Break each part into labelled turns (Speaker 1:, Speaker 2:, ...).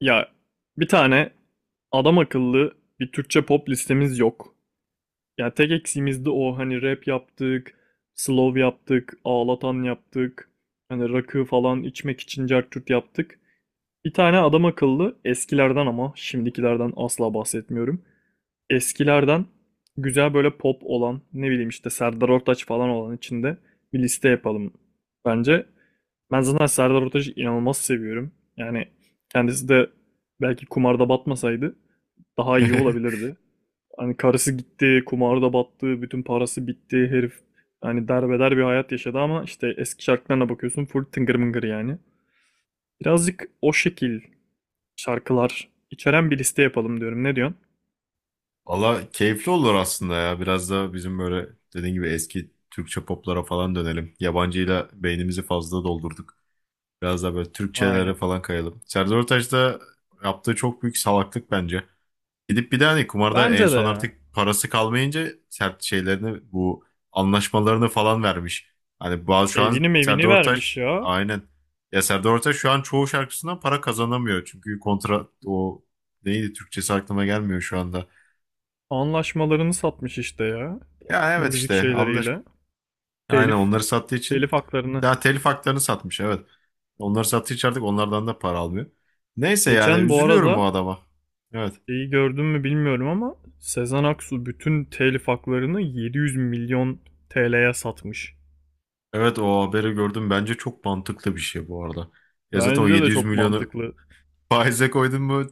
Speaker 1: Ya bir tane adam akıllı bir Türkçe pop listemiz yok. Ya tek eksiğimiz de o hani rap yaptık, slow yaptık, ağlatan yaptık. Hani rakı falan içmek için cart curt yaptık. Bir tane adam akıllı eskilerden ama şimdikilerden asla bahsetmiyorum eskilerden güzel böyle pop olan ne bileyim işte Serdar Ortaç falan olan içinde bir liste yapalım bence. Ben zaten Serdar Ortaç'ı inanılmaz seviyorum. Yani kendisi de belki kumarda batmasaydı daha iyi olabilirdi. Hani karısı gitti, kumarda battı, bütün parası bitti, herif hani derbeder bir hayat yaşadı ama işte eski şarkılarına bakıyorsun full tıngır mıngır yani. Birazcık o şekil şarkılar içeren bir liste yapalım diyorum. Ne diyorsun?
Speaker 2: Valla keyifli olur aslında ya. Biraz da bizim böyle dediğin gibi eski Türkçe poplara falan dönelim. Yabancıyla beynimizi fazla doldurduk. Biraz da böyle Türkçelere
Speaker 1: Aynen.
Speaker 2: falan kayalım. Serdar Ortaç da yaptığı çok büyük salaklık bence. Gidip bir de hani kumarda en
Speaker 1: Bence de
Speaker 2: son
Speaker 1: ya.
Speaker 2: artık parası kalmayınca sert şeylerini bu anlaşmalarını falan vermiş. Hani bazı şu
Speaker 1: Evini
Speaker 2: an
Speaker 1: mevini
Speaker 2: Serdar
Speaker 1: vermiş
Speaker 2: Ortaç
Speaker 1: ya.
Speaker 2: aynen. Ya Serdar Ortaç şu an çoğu şarkısından para kazanamıyor. Çünkü kontra o neydi Türkçesi aklıma gelmiyor şu anda.
Speaker 1: Anlaşmalarını satmış işte ya.
Speaker 2: Ya evet
Speaker 1: Müzik
Speaker 2: işte anlaş
Speaker 1: şeyleriyle.
Speaker 2: aynen
Speaker 1: Telif,
Speaker 2: onları sattığı için
Speaker 1: telif haklarını.
Speaker 2: daha telif haklarını satmış evet. Onları sattığı için artık onlardan da para almıyor. Neyse yani
Speaker 1: Geçen bu
Speaker 2: üzülüyorum o
Speaker 1: arada
Speaker 2: adama. Evet.
Speaker 1: şeyi gördün mü bilmiyorum ama Sezen Aksu bütün telif haklarını 700 milyon TL'ye satmış.
Speaker 2: Evet o haberi gördüm. Bence çok mantıklı bir şey bu arada. Ya zaten o
Speaker 1: Bence de
Speaker 2: 700
Speaker 1: çok
Speaker 2: milyonu
Speaker 1: mantıklı.
Speaker 2: faize koydun mu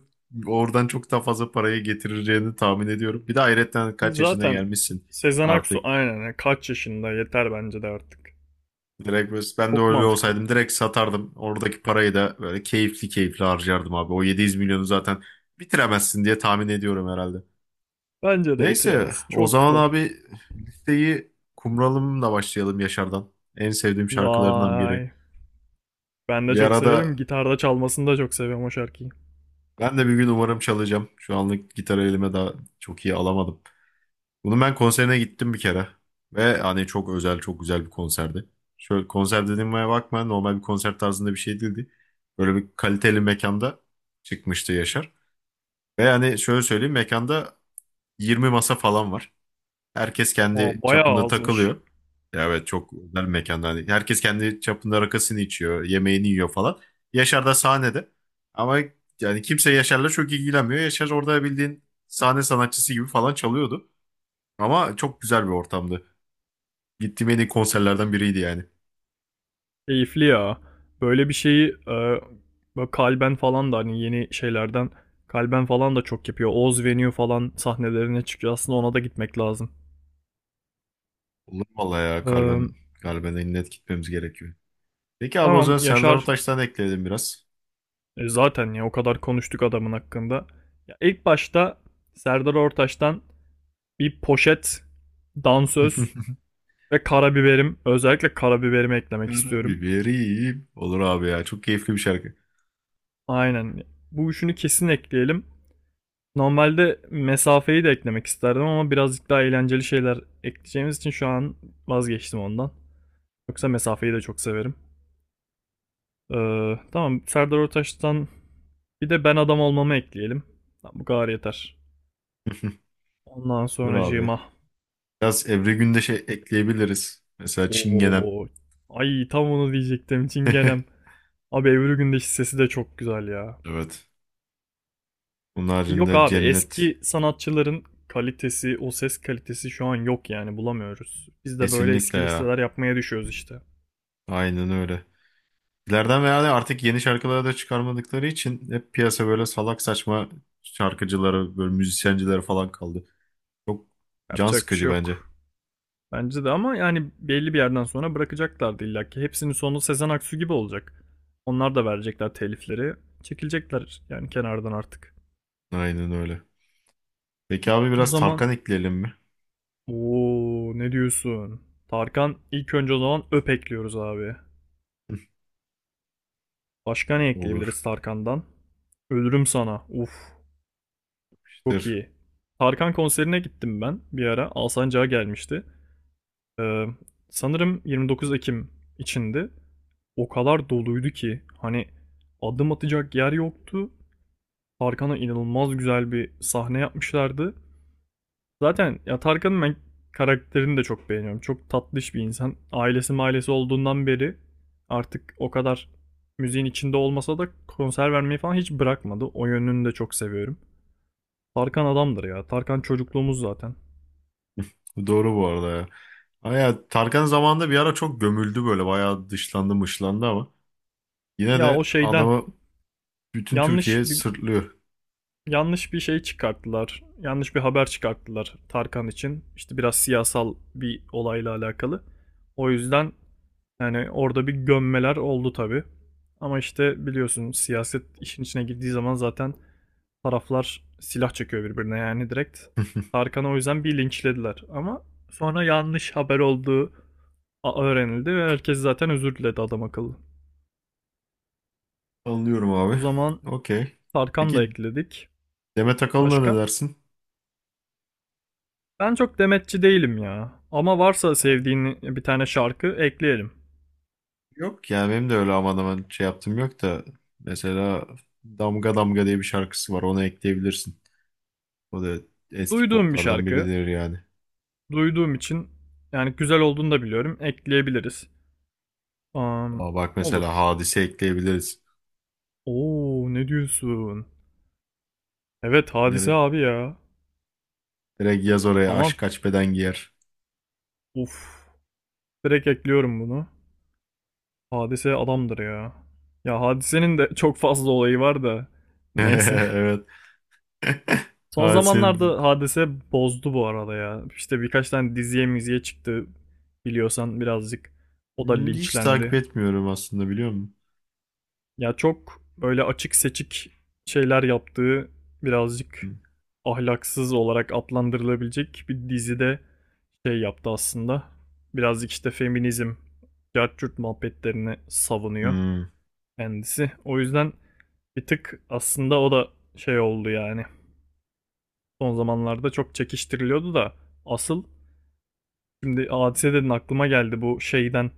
Speaker 2: oradan çok daha fazla parayı getireceğini tahmin ediyorum. Bir de hayretten
Speaker 1: Ki
Speaker 2: kaç yaşına
Speaker 1: zaten
Speaker 2: gelmişsin
Speaker 1: Sezen Aksu
Speaker 2: artık.
Speaker 1: aynen ya, kaç yaşında yeter bence de artık.
Speaker 2: Direkt ben de
Speaker 1: Çok
Speaker 2: öyle
Speaker 1: mantıklı.
Speaker 2: olsaydım direkt satardım. Oradaki parayı da böyle keyifli keyifli harcardım abi. O 700 milyonu zaten bitiremezsin diye tahmin ediyorum herhalde.
Speaker 1: Bence de
Speaker 2: Neyse
Speaker 1: bitiremez.
Speaker 2: o
Speaker 1: Çok
Speaker 2: zaman
Speaker 1: zor.
Speaker 2: abi listeyi Kumralım'la başlayalım Yaşar'dan. En sevdiğim şarkılarından biri.
Speaker 1: Vay. Ben de
Speaker 2: Bir
Speaker 1: çok
Speaker 2: arada
Speaker 1: severim. Gitarda çalmasını da çok seviyorum o şarkıyı.
Speaker 2: ben de bir gün umarım çalacağım. Şu anlık gitarı elime daha çok iyi alamadım. Bunun ben konserine gittim bir kere. Ve hani çok özel, çok güzel bir konserdi. Şöyle konser dediğime bakma, normal bir konser tarzında bir şey değildi. Böyle bir kaliteli mekanda çıkmıştı Yaşar. Ve hani şöyle söyleyeyim, mekanda 20 masa falan var. Herkes
Speaker 1: Aa,
Speaker 2: kendi
Speaker 1: bayağı
Speaker 2: çapında
Speaker 1: azmış.
Speaker 2: takılıyor. Ya evet, çok özel bir mekanda. Hani herkes kendi çapında rakısını içiyor, yemeğini yiyor falan. Yaşar da sahnede. Ama yani kimse Yaşar'la çok ilgilenmiyor. Yaşar orada bildiğin sahne sanatçısı gibi falan çalıyordu. Ama çok güzel bir ortamdı. Gittiğim en iyi konserlerden biriydi yani.
Speaker 1: Keyifli ya. Böyle bir şeyi böyle kalben falan da hani yeni şeylerden kalben falan da çok yapıyor. Oz Venue falan sahnelerine çıkıyor. Aslında ona da gitmek lazım.
Speaker 2: Olur vallahi ya, kalben
Speaker 1: Ee,
Speaker 2: kalben net gitmemiz gerekiyor. Peki abi, o
Speaker 1: tamam
Speaker 2: zaman Serdar
Speaker 1: Yaşar
Speaker 2: Ortaç'tan ekleyelim biraz.
Speaker 1: zaten ya o kadar konuştuk adamın hakkında. Ya ilk başta Serdar Ortaç'tan bir poşet, dansöz ve karabiberim. Özellikle karabiberimi eklemek
Speaker 2: Kara
Speaker 1: istiyorum.
Speaker 2: biberim. Olur abi ya, çok keyifli bir şarkı.
Speaker 1: Aynen. Bu üçünü kesin ekleyelim. Normalde mesafeyi de eklemek isterdim ama birazcık daha eğlenceli şeyler ekleyeceğimiz için şu an vazgeçtim ondan. Yoksa mesafeyi de çok severim. Tamam Serdar Ortaç'tan bir de ben adam olmamı ekleyelim. Tamam, bu kadar yeter. Ondan
Speaker 2: Dur abi.
Speaker 1: sonracığıma.
Speaker 2: Biraz Ebru Gündeş'e ekleyebiliriz. Mesela Çingenem.
Speaker 1: Oo, ay tam onu diyecektim Çingenem. Abi Ebru Gündeş'in sesi de çok güzel ya.
Speaker 2: Evet. Bunun
Speaker 1: Yok
Speaker 2: haricinde
Speaker 1: abi
Speaker 2: Cennet.
Speaker 1: eski sanatçıların kalitesi, o ses kalitesi şu an yok yani bulamıyoruz. Biz de böyle
Speaker 2: Kesinlikle
Speaker 1: eski
Speaker 2: ya.
Speaker 1: listeler yapmaya düşüyoruz işte.
Speaker 2: Aynen öyle. İleriden veya de artık yeni şarkıları da çıkarmadıkları için hep piyasa böyle salak saçma şarkıcıları, böyle müzisyencileri falan kaldı. Çok can
Speaker 1: Yapacak bir
Speaker 2: sıkıcı
Speaker 1: şey
Speaker 2: bence.
Speaker 1: yok. Bence de ama yani belli bir yerden sonra bırakacaklardı illa ki. Hepsinin sonu Sezen Aksu gibi olacak. Onlar da verecekler telifleri. Çekilecekler yani kenardan artık.
Speaker 2: Aynen öyle. Peki abi,
Speaker 1: O
Speaker 2: biraz
Speaker 1: zaman
Speaker 2: Tarkan ekleyelim mi?
Speaker 1: ooo ne diyorsun? Tarkan ilk önce o zaman öp ekliyoruz abi. Başka ne
Speaker 2: Olur.
Speaker 1: ekleyebiliriz Tarkan'dan? Ölürüm sana. Uf
Speaker 2: İşte
Speaker 1: çok iyi. Tarkan konserine gittim ben bir ara. Alsancak'a gelmişti. Ee, Sanırım 29 Ekim içindi. O kadar doluydu ki hani adım atacak yer yoktu. Tarkan'a inanılmaz güzel bir sahne yapmışlardı. Zaten ya Tarkan'ın ben karakterini de çok beğeniyorum. Çok tatlış bir insan. Ailesi mailesi olduğundan beri artık o kadar müziğin içinde olmasa da konser vermeyi falan hiç bırakmadı. O yönünü de çok seviyorum. Tarkan adamdır ya. Tarkan çocukluğumuz zaten.
Speaker 2: doğru bu arada ya. Ama ya Tarkan zamanında bir ara çok gömüldü böyle. Bayağı dışlandı mışlandı ama. Yine
Speaker 1: Ya o
Speaker 2: de
Speaker 1: şeyden
Speaker 2: adamı bütün
Speaker 1: yanlış
Speaker 2: Türkiye
Speaker 1: bir
Speaker 2: sırtlıyor.
Speaker 1: yanlış bir şey çıkarttılar. Yanlış bir haber çıkarttılar Tarkan için. İşte biraz siyasal bir olayla alakalı. O yüzden yani orada bir gömmeler oldu tabii. Ama işte biliyorsun siyaset işin içine girdiği zaman zaten taraflar silah çekiyor birbirine yani direkt. Tarkan'ı o yüzden bir linçlediler. Ama sonra yanlış haber olduğu öğrenildi ve herkes zaten özür diledi adam akıllı.
Speaker 2: Anlıyorum
Speaker 1: O
Speaker 2: abi.
Speaker 1: zaman
Speaker 2: Okey.
Speaker 1: Tarkan da
Speaker 2: Peki
Speaker 1: ekledik.
Speaker 2: Demet Akalın'a ne
Speaker 1: Başka?
Speaker 2: dersin?
Speaker 1: Ben çok demetçi değilim ya. Ama varsa
Speaker 2: Yani
Speaker 1: sevdiğin bir tane şarkı ekleyelim.
Speaker 2: yok yani benim de öyle aman aman şey yaptım yok da. Mesela Damga Damga diye bir şarkısı var. Onu ekleyebilirsin. O da eski
Speaker 1: Duyduğum bir
Speaker 2: poplardan
Speaker 1: şarkı.
Speaker 2: biridir yani.
Speaker 1: Duyduğum için yani güzel olduğunu da biliyorum. Ekleyebiliriz. Am,
Speaker 2: Aa, bak mesela
Speaker 1: olur.
Speaker 2: Hadise ekleyebiliriz.
Speaker 1: Oo ne diyorsun? Evet Hadise
Speaker 2: Direkt,
Speaker 1: abi ya.
Speaker 2: direkt yaz oraya
Speaker 1: Tamam.
Speaker 2: aşk kaç beden giyer.
Speaker 1: Uf. Direkt ekliyorum bunu. Hadise adamdır ya. Ya Hadise'nin de çok fazla olayı var da. Neyse.
Speaker 2: Evet.
Speaker 1: Son
Speaker 2: Hadise'nin
Speaker 1: zamanlarda Hadise bozdu bu arada ya. İşte birkaç tane diziye miziye çıktı biliyorsan birazcık. O da
Speaker 2: hiç takip
Speaker 1: linçlendi.
Speaker 2: etmiyorum aslında, biliyor musun?
Speaker 1: Ya çok böyle açık seçik şeyler yaptığı birazcık ahlaksız olarak adlandırılabilecek bir dizide şey yaptı aslında. Birazcık işte feminizm, cartçurt muhabbetlerini savunuyor
Speaker 2: Hmm.
Speaker 1: kendisi. O yüzden bir tık aslında o da şey oldu yani. Son zamanlarda çok çekiştiriliyordu da asıl Şimdi hadise dedin aklıma geldi bu şeyden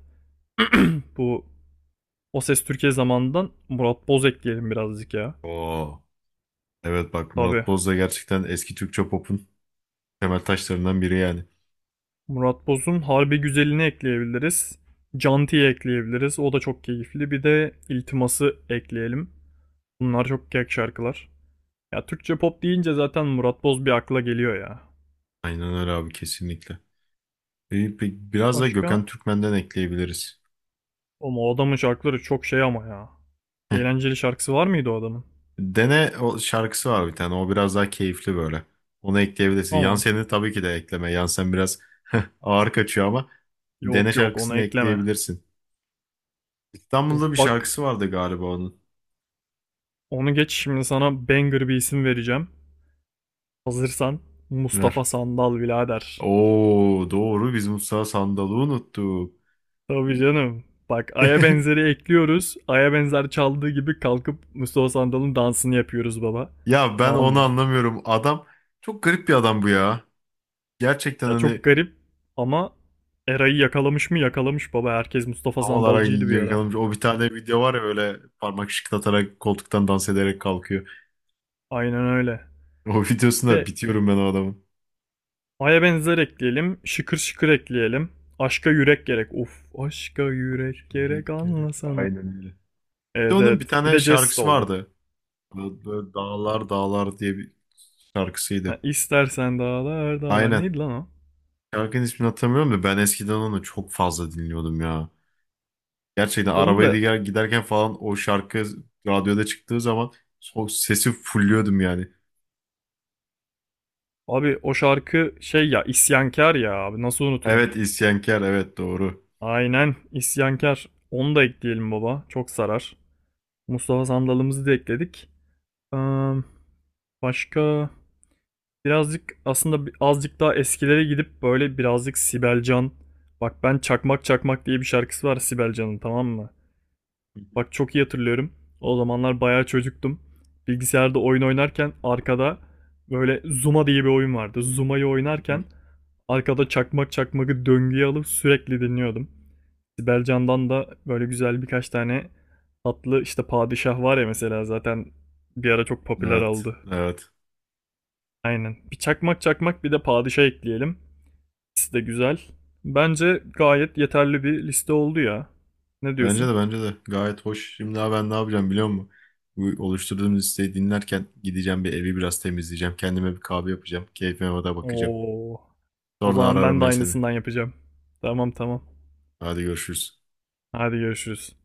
Speaker 1: bu O Ses Türkiye zamanından Murat Boz ekleyelim birazcık ya.
Speaker 2: Oo. Evet bak,
Speaker 1: Tabii.
Speaker 2: Murat Boz da gerçekten eski Türkçe pop'un temel taşlarından biri yani.
Speaker 1: Murat Boz'un Harbi Güzeli'ni ekleyebiliriz. Canti'yi ekleyebiliriz. O da çok keyifli. Bir de İltimas'ı ekleyelim. Bunlar çok kek şarkılar. Ya Türkçe pop deyince zaten Murat Boz bir akla geliyor ya.
Speaker 2: Aynen öyle abi, kesinlikle. Biraz da
Speaker 1: Başka?
Speaker 2: Gökhan Türkmen'den ekleyebiliriz.
Speaker 1: Ama o adamın şarkıları çok şey ama ya. Eğlenceli şarkısı var mıydı o adamın?
Speaker 2: Dene o şarkısı var bir tane. O biraz daha keyifli böyle. Onu ekleyebilirsin.
Speaker 1: Tamam.
Speaker 2: Yansen'i tabii ki de ekleme. Yansen biraz ağır kaçıyor ama dene
Speaker 1: Yok yok onu
Speaker 2: şarkısını
Speaker 1: ekleme.
Speaker 2: ekleyebilirsin.
Speaker 1: Uf
Speaker 2: İstanbul'da bir
Speaker 1: bak
Speaker 2: şarkısı vardı galiba onun.
Speaker 1: onu geç şimdi sana banger bir isim vereceğim. Hazırsan Mustafa
Speaker 2: Ver.
Speaker 1: Sandal birader.
Speaker 2: Oo doğru, biz Musa Sandal'ı unuttuk.
Speaker 1: Tabii canım. Bak Ay'a benzeri ekliyoruz. Ay'a benzer çaldığı gibi kalkıp Mustafa Sandal'ın dansını yapıyoruz baba.
Speaker 2: Ya ben
Speaker 1: Tamam
Speaker 2: onu
Speaker 1: mı?
Speaker 2: anlamıyorum. Adam çok garip bir adam bu ya. Gerçekten
Speaker 1: Ya çok
Speaker 2: hani
Speaker 1: garip ama Eray'ı yakalamış mı yakalamış baba. Herkes Mustafa
Speaker 2: havalara
Speaker 1: Sandalcıydı bir ara.
Speaker 2: yakalanmış. O bir tane video var ya, böyle parmak şıklatarak koltuktan dans ederek kalkıyor.
Speaker 1: Aynen öyle.
Speaker 2: O videosunda
Speaker 1: De
Speaker 2: bitiyorum ben o adamın.
Speaker 1: Ay'a benzer ekleyelim. Şıkır şıkır ekleyelim. Aşka yürek gerek. Uf aşka yürek
Speaker 2: Başka
Speaker 1: gerek
Speaker 2: yürek gerek.
Speaker 1: anlasana.
Speaker 2: Aynen öyle. Bir de
Speaker 1: Evet
Speaker 2: onun bir
Speaker 1: evet. Bir
Speaker 2: tane
Speaker 1: de jest
Speaker 2: şarkısı
Speaker 1: oldu.
Speaker 2: vardı. Böyle dağlar dağlar diye bir şarkısıydı.
Speaker 1: Ha, İstersen dağlar dağlar.
Speaker 2: Aynen.
Speaker 1: Neydi lan o?
Speaker 2: Şarkının ismini hatırlamıyorum da ben eskiden onu çok fazla dinliyordum ya. Gerçekten
Speaker 1: Onu da
Speaker 2: giderken falan o şarkı radyoda çıktığı zaman o sesi fulluyordum yani.
Speaker 1: abi o şarkı şey ya isyankar ya abi nasıl unuturum.
Speaker 2: Evet isyankar, evet doğru.
Speaker 1: Aynen isyankar. Onu da ekleyelim baba. Çok sarar. Mustafa Sandal'ımızı da ekledik. Ee, başka birazcık aslında azıcık daha eskilere gidip böyle birazcık Sibel Can. Bak ben Çakmak Çakmak diye bir şarkısı var Sibel Can'ın tamam mı? Bak çok iyi hatırlıyorum. O zamanlar bayağı çocuktum. Bilgisayarda oyun oynarken arkada böyle Zuma diye bir oyun vardı. Zuma'yı oynarken arkada çakmak çakmakı döngüye alıp sürekli dinliyordum. Sibel Can'dan da böyle güzel birkaç tane tatlı işte padişah var ya mesela zaten bir ara çok popüler
Speaker 2: Evet
Speaker 1: oldu.
Speaker 2: evet.
Speaker 1: Aynen. Bir çakmak çakmak bir de padişah ekleyelim. İkisi de güzel. Bence gayet yeterli bir liste oldu ya. Ne
Speaker 2: Bence
Speaker 1: diyorsun?
Speaker 2: de bence de gayet hoş. Şimdi abi, ben ne yapacağım biliyor musun? Bu oluşturduğum listeyi dinlerken gideceğim, bir evi biraz temizleyeceğim. Kendime bir kahve yapacağım. Keyfime de bakacağım.
Speaker 1: Oo. O
Speaker 2: Sonra
Speaker 1: zaman
Speaker 2: ararım
Speaker 1: ben de
Speaker 2: ben seni.
Speaker 1: aynısından yapacağım. Tamam tamam.
Speaker 2: Hadi görüşürüz.
Speaker 1: Hadi görüşürüz.